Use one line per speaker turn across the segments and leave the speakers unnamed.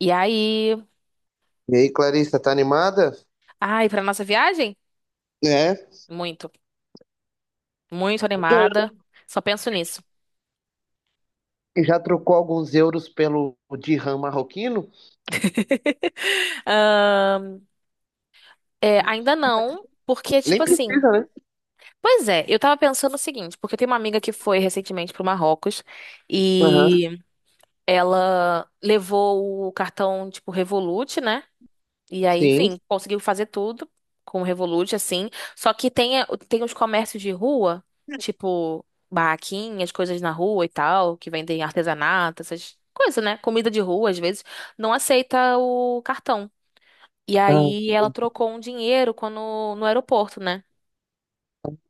E aí,
E aí, Clarissa, tá animada?
ai, pra nossa viagem?
É.
Muito, muito animada. Só penso nisso.
Já trocou alguns euros pelo dirham marroquino?
Ahn, é, ainda não, porque, tipo
Nem
assim.
precisa, né?
Pois é, eu tava pensando o seguinte, porque eu tenho uma amiga que foi recentemente pro Marrocos
Aham,
e ela levou o cartão, tipo, Revolut, né? E aí,
sim.
enfim, conseguiu fazer tudo com o Revolut, assim. Só que tem, tem os comércios de rua, tipo barraquinhas, coisas na rua e tal, que vendem artesanato, essas coisas, né? Comida de rua, às vezes, não aceita o cartão. E
Ah,
aí ela trocou um dinheiro quando, no aeroporto, né?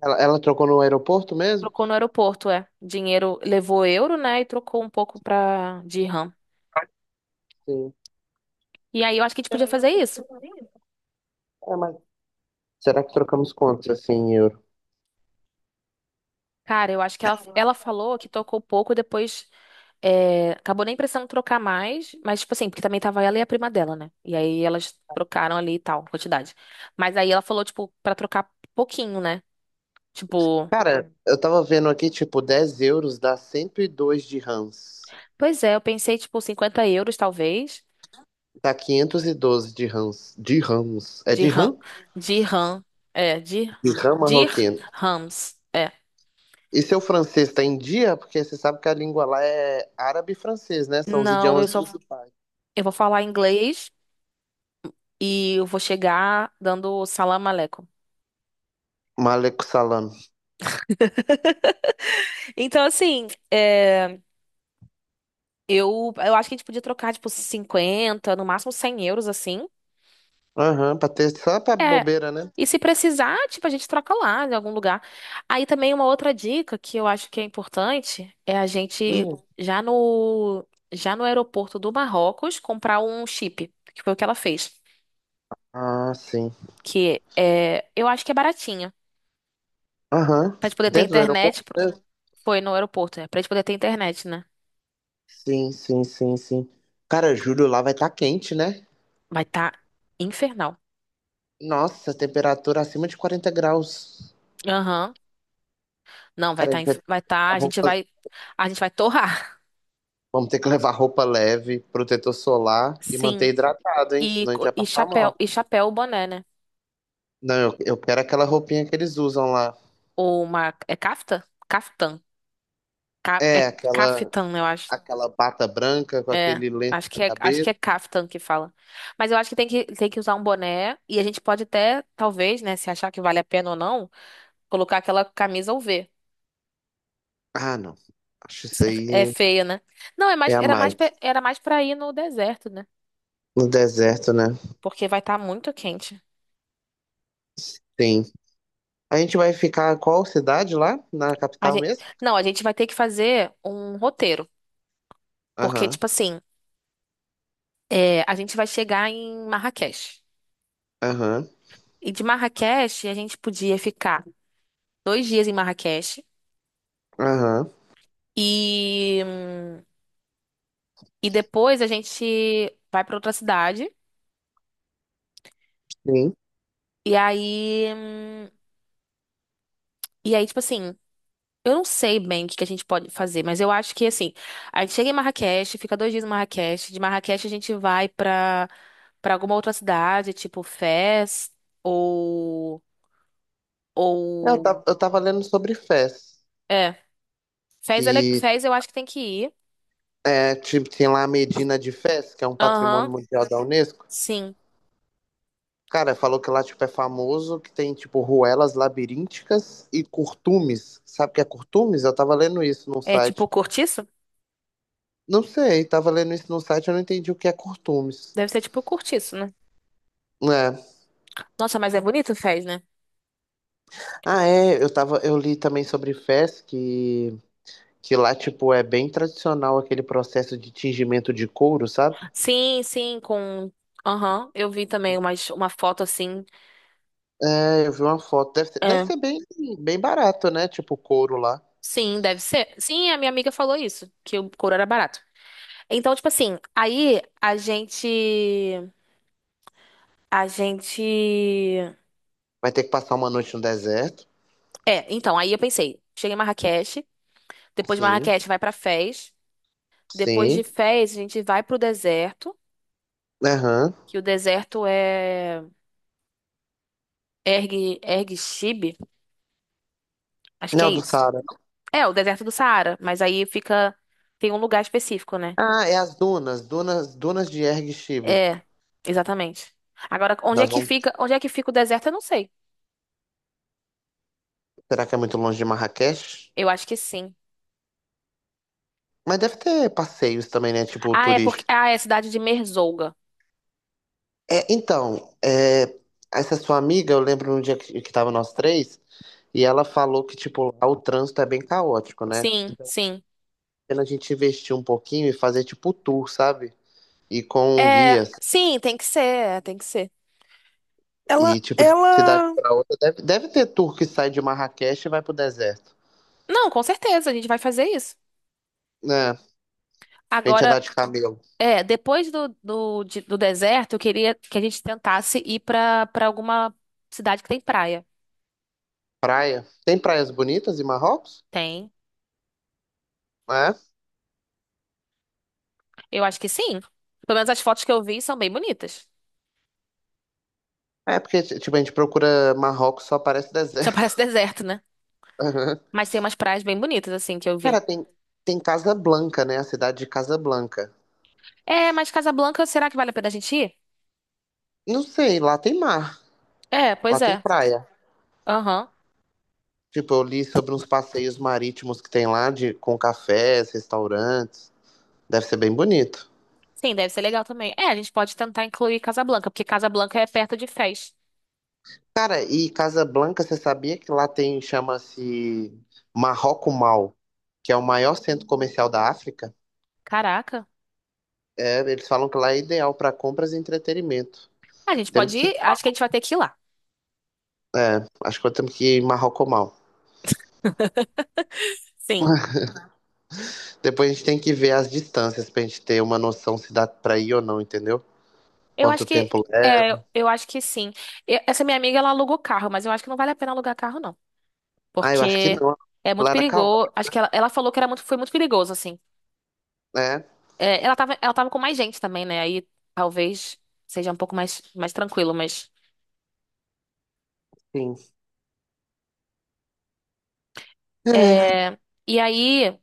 ela trocou no aeroporto mesmo?
Trocou no aeroporto, é. Dinheiro levou euro, né? E trocou um pouco pra de RAM.
Sim.
E aí eu acho que a gente podia fazer isso.
É, mas será que trocamos quantos assim em euro?
Cara, eu acho que ela falou que tocou pouco depois. É, acabou nem precisando trocar mais, mas, tipo assim, porque também tava ela e a prima dela, né? E aí elas trocaram ali e tal, quantidade. Mas aí ela falou, tipo, pra trocar pouquinho, né? Tipo,
Cara, eu tava vendo aqui, tipo, 10 euros dá 102 dirhams.
pois é, eu pensei, tipo, 50 euros, talvez,
Dá 512 dirhams. Dirhams. É
de RAM,
dirham?
de RAM, é, de,
Dirham
de
marroquino.
rams, é.
E seu francês está em dia? Porque você sabe que a língua lá é árabe e francês, né? São os
Não, eu
idiomas. Ah,
só,
principais.
eu vou falar inglês e eu vou chegar dando salam aleikum.
Maleco salam.
Então, assim, é, eu acho que a gente podia trocar, tipo, 50, no máximo 100 euros, assim.
Aham, pra ter só pra
É.
bobeira, né?
E se precisar, tipo, a gente troca lá em algum lugar. Aí também uma outra dica que eu acho que é importante é a gente
Hum.
já no já no aeroporto do Marrocos comprar um chip, que foi o que ela fez,
Ah, sim.
que é, eu acho que é baratinho.
Aham.
Pra gente poder ter
Dentro do
internet,
aeroporto, né?
foi no aeroporto, né? Pra gente poder ter internet, né?
Sim, sim, sim, sim. Cara, julho lá vai estar quente, né?
Vai tá infernal.
Nossa, temperatura acima de 40 graus.
Aham. Não, vai
Cara, a
tá,
gente vai
inf-
ter
vai
que
tá, a
levar
gente
roupas-
vai a gente vai torrar.
vamos ter que levar roupa leve, protetor solar e manter
Sim.
hidratado, hein?
E,
Senão a gente vai passar mal.
e chapéu, boné, né?
Não, eu quero aquela roupinha que eles usam lá.
Ou uma. É Kafta? Kaftan. É
É, aquela
Kaftan, eu acho.
aquela bata branca com
É.
aquele lenço
Acho
na
que é, acho que
cabeça.
é Kaftan que fala. Mas eu acho que tem que usar um boné. E a gente pode até, talvez, né, se achar que vale a pena ou não, colocar aquela camisa UV.
Ah, não. Acho isso
É
aí
feia, né? Não, é mais,
é a
era mais,
mais.
era mais pra ir no deserto, né?
No deserto, né?
Porque vai estar muito quente.
Sim. A gente vai ficar qual cidade lá? Na
A
capital
gente,
mesmo?
não, a gente vai ter que fazer um roteiro. Porque,
Aham,
tipo assim, é, a gente vai chegar em Marrakech.
aham,
E de Marrakech, a gente podia ficar 2 dias em Marrakech.
aham.
E, e depois a gente vai pra outra cidade.
Sim.
E aí, hum, e aí, tipo assim, eu não sei bem o que que a gente pode fazer, mas eu acho que assim, a gente chega em Marrakech, fica 2 dias em Marrakech, de Marrakech a gente vai pra para alguma outra cidade, tipo Fez ou
Eu
ou
tava, eu tava lendo sobre Fez,
é, Fez, é
que
Fez eu acho que tem que ir.
é, tipo, tem lá a Medina de Fez, que é um patrimônio
Aham,
mundial da Unesco.
sim.
Cara, falou que lá, tipo, é famoso, que tem, tipo, ruelas labirínticas e curtumes. Sabe o que é curtumes? Eu tava lendo isso num
É tipo
site.
cortiço?
Não sei, tava lendo isso no site, eu não entendi o que é curtumes.
Deve ser tipo cortiço, né?
É.
Nossa, mas é bonito Fez, né?
Ah, é, eu li também sobre fés que lá, tipo, é bem tradicional aquele processo de tingimento de couro, sabe?
Sim, sim, com. Aham, eu vi também umas, uma foto assim.
É, eu vi uma foto. Deve ser, deve
É.
ser bem barato, né? Tipo, couro lá.
Sim, deve ser. Sim, a minha amiga falou isso, que o couro era barato. Então, tipo assim, aí a gente. A gente.
Vai ter que passar uma noite no deserto.
É, então, aí eu pensei, chega em Marrakech, depois de
Sim,
Marrakech vai pra Fez, depois de
sim.
Fez a gente vai pro deserto,
Aham.
que o deserto é Erg Chib, acho que é
Não, do
isso.
Saara.
É, o deserto do Saara, mas aí fica. Tem um lugar específico, né?
Ah, é as dunas de Erg Chibe.
É, exatamente. Agora, onde é
Nós
que
vamos.
fica, onde é que fica o deserto? Eu não sei.
Será que é muito longe de Marrakech?
Eu acho que sim.
Mas deve ter passeios também, né? Tipo,
Ah, é porque é a cidade de Merzouga.
é, então, é, essa sua amiga, eu lembro um dia que tava nós três, e ela falou que, tipo, lá o trânsito é bem caótico, né?
Sim, sim.
Pena a gente investir um pouquinho e fazer, tipo, tour, sabe? E com
É,
guias.
sim, tem que ser, é, tem que ser. Ela,
E, tipo, de cidade
ela.
pra outra. Deve ter tour que sai de Marrakech e vai pro deserto,
Não, com certeza, a gente vai fazer isso.
né? A gente
Agora,
andar de camelo.
é, depois do deserto, eu queria que a gente tentasse ir pra para alguma cidade que tem praia.
Praia. Tem praias bonitas em Marrocos?
Tem?
É.
Eu acho que sim. Pelo menos as fotos que eu vi são bem bonitas.
É porque, tipo, a gente procura Marrocos, só parece
Só
deserto.
parece deserto, né?
Aham.
Mas tem umas praias bem bonitas, assim, que eu vi.
Cara, tem Casablanca, né? A cidade de Casablanca.
É, mas Casablanca, será que vale a pena a gente ir?
Não sei, lá tem mar,
É, pois
lá tem
é.
praia.
Aham.
Tipo, eu li sobre uns passeios marítimos que tem lá de, com cafés, restaurantes. Deve ser bem bonito.
Sim, deve ser legal também. É, a gente pode tentar incluir Casablanca, porque Casablanca é perto de Fez.
Cara, e Casablanca, você sabia que lá tem, chama-se Marroco Mall, que é o maior centro comercial da África?
Caraca.
É, eles falam que lá é ideal para compras e entretenimento.
A gente
Temos
pode
que,
ir? Acho que a gente vai ter que ir lá.
acho que temos que ir em Marroco Mall.
Sim.
Depois a gente tem que ver as distâncias pra gente ter uma noção se dá pra ir ou não, entendeu?
Eu
Quanto
acho que.
tempo é.
É, eu acho que sim. Essa minha amiga, ela alugou carro, mas eu acho que não vale a pena alugar carro, não.
Ah, eu acho que
Porque
não.
é muito
Lá era.
perigoso. Acho que ela falou que era muito, foi muito perigoso, assim.
É,
É, ela tava com mais gente também, né? Aí talvez seja um pouco mais tranquilo, mas.
sim. É.
É, e aí.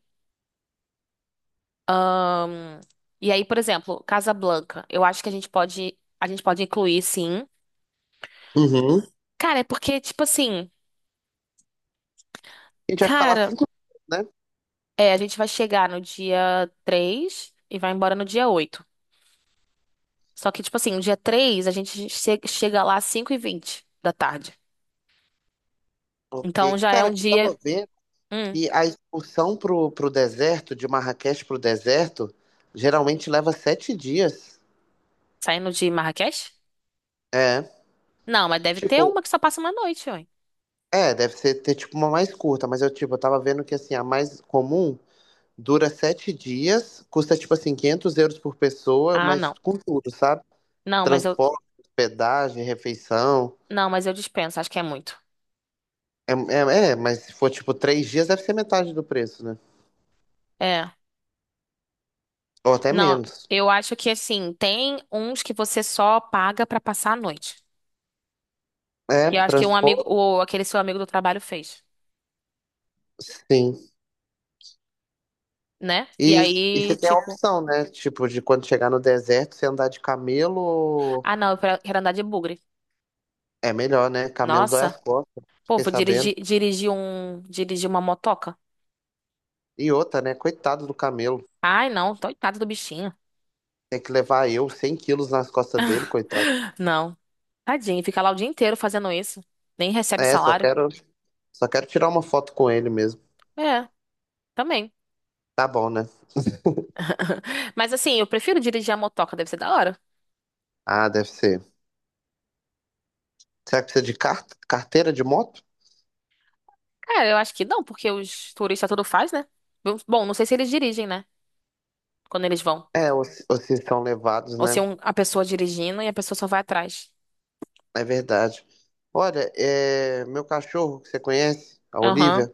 Ahn, e aí, por exemplo, Casablanca. Eu acho que a gente pode incluir, sim.
Uhum.
Cara, é porque, tipo assim,
A gente vai ficar lá
cara,
5 anos, né?
é, a gente vai chegar no dia 3 e vai embora no dia 8. Só que, tipo assim, no dia 3 a gente chega lá às 5h20 da tarde. Então
Ok,
já é
cara,
um
eu
dia.
tava vendo
Hum,
que a expulsão pro deserto, de Marrakech pro deserto, geralmente leva 7 dias.
saindo de Marrakech?
É,
Não, mas deve ter
tipo,
uma que só passa uma noite, ué.
é, deve ser ter tipo uma mais curta, mas eu, tipo, eu tava vendo que, assim, a mais comum dura 7 dias, custa, tipo assim, 500 euros por pessoa,
Ah,
mas
não.
com tudo, sabe?
Não, mas eu.
Transporte, hospedagem, refeição.
Não, mas eu dispenso, acho que é muito.
É, é, é, mas se for, tipo, 3 dias, deve ser metade do preço, né?
É.
Ou até
Não,
menos.
eu acho que assim, tem uns que você só paga pra passar a noite.
É,
E eu acho que um amigo,
transporte,
ou aquele seu amigo do trabalho fez,
sim.
né? E
E, e
aí,
você tem a
tipo,
opção, né? Tipo, de quando chegar no deserto, você andar de camelo
ah, não, eu quero andar de bugre.
é melhor, né? Camelo dói
Nossa,
as costas,
pô,
fiquei
vou
sabendo.
dirigir uma motoca.
E outra, né? Coitado do camelo.
Ai, não, coitado do bichinho.
Tem que levar eu 100 quilos nas costas dele, coitado.
Não. Tadinho, fica lá o dia inteiro fazendo isso. Nem recebe
É, só
salário.
quero, só quero tirar uma foto com ele mesmo.
É, também.
Tá bom, né?
Mas assim, eu prefiro dirigir a motoca, deve ser da hora.
Ah, deve ser. Será que precisa de carteira de moto?
Cara, eu acho que não, porque os turistas tudo faz, né? Bom, não sei se eles dirigem, né? Quando eles vão.
É, ou se são levados,
Ou se
né?
a pessoa dirigindo e a pessoa só vai atrás.
É verdade. Olha, é, meu cachorro que você conhece, a
Aham.
Olivia.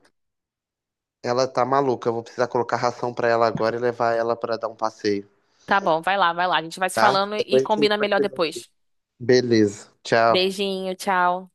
Ela tá maluca. Eu vou precisar colocar ração pra ela agora e levar ela pra dar um passeio,
Tá bom, vai lá, vai lá. A gente vai se
tá?
falando e
Depois a gente
combina melhor
continua.
depois.
Beleza. Tchau.
Beijinho, tchau.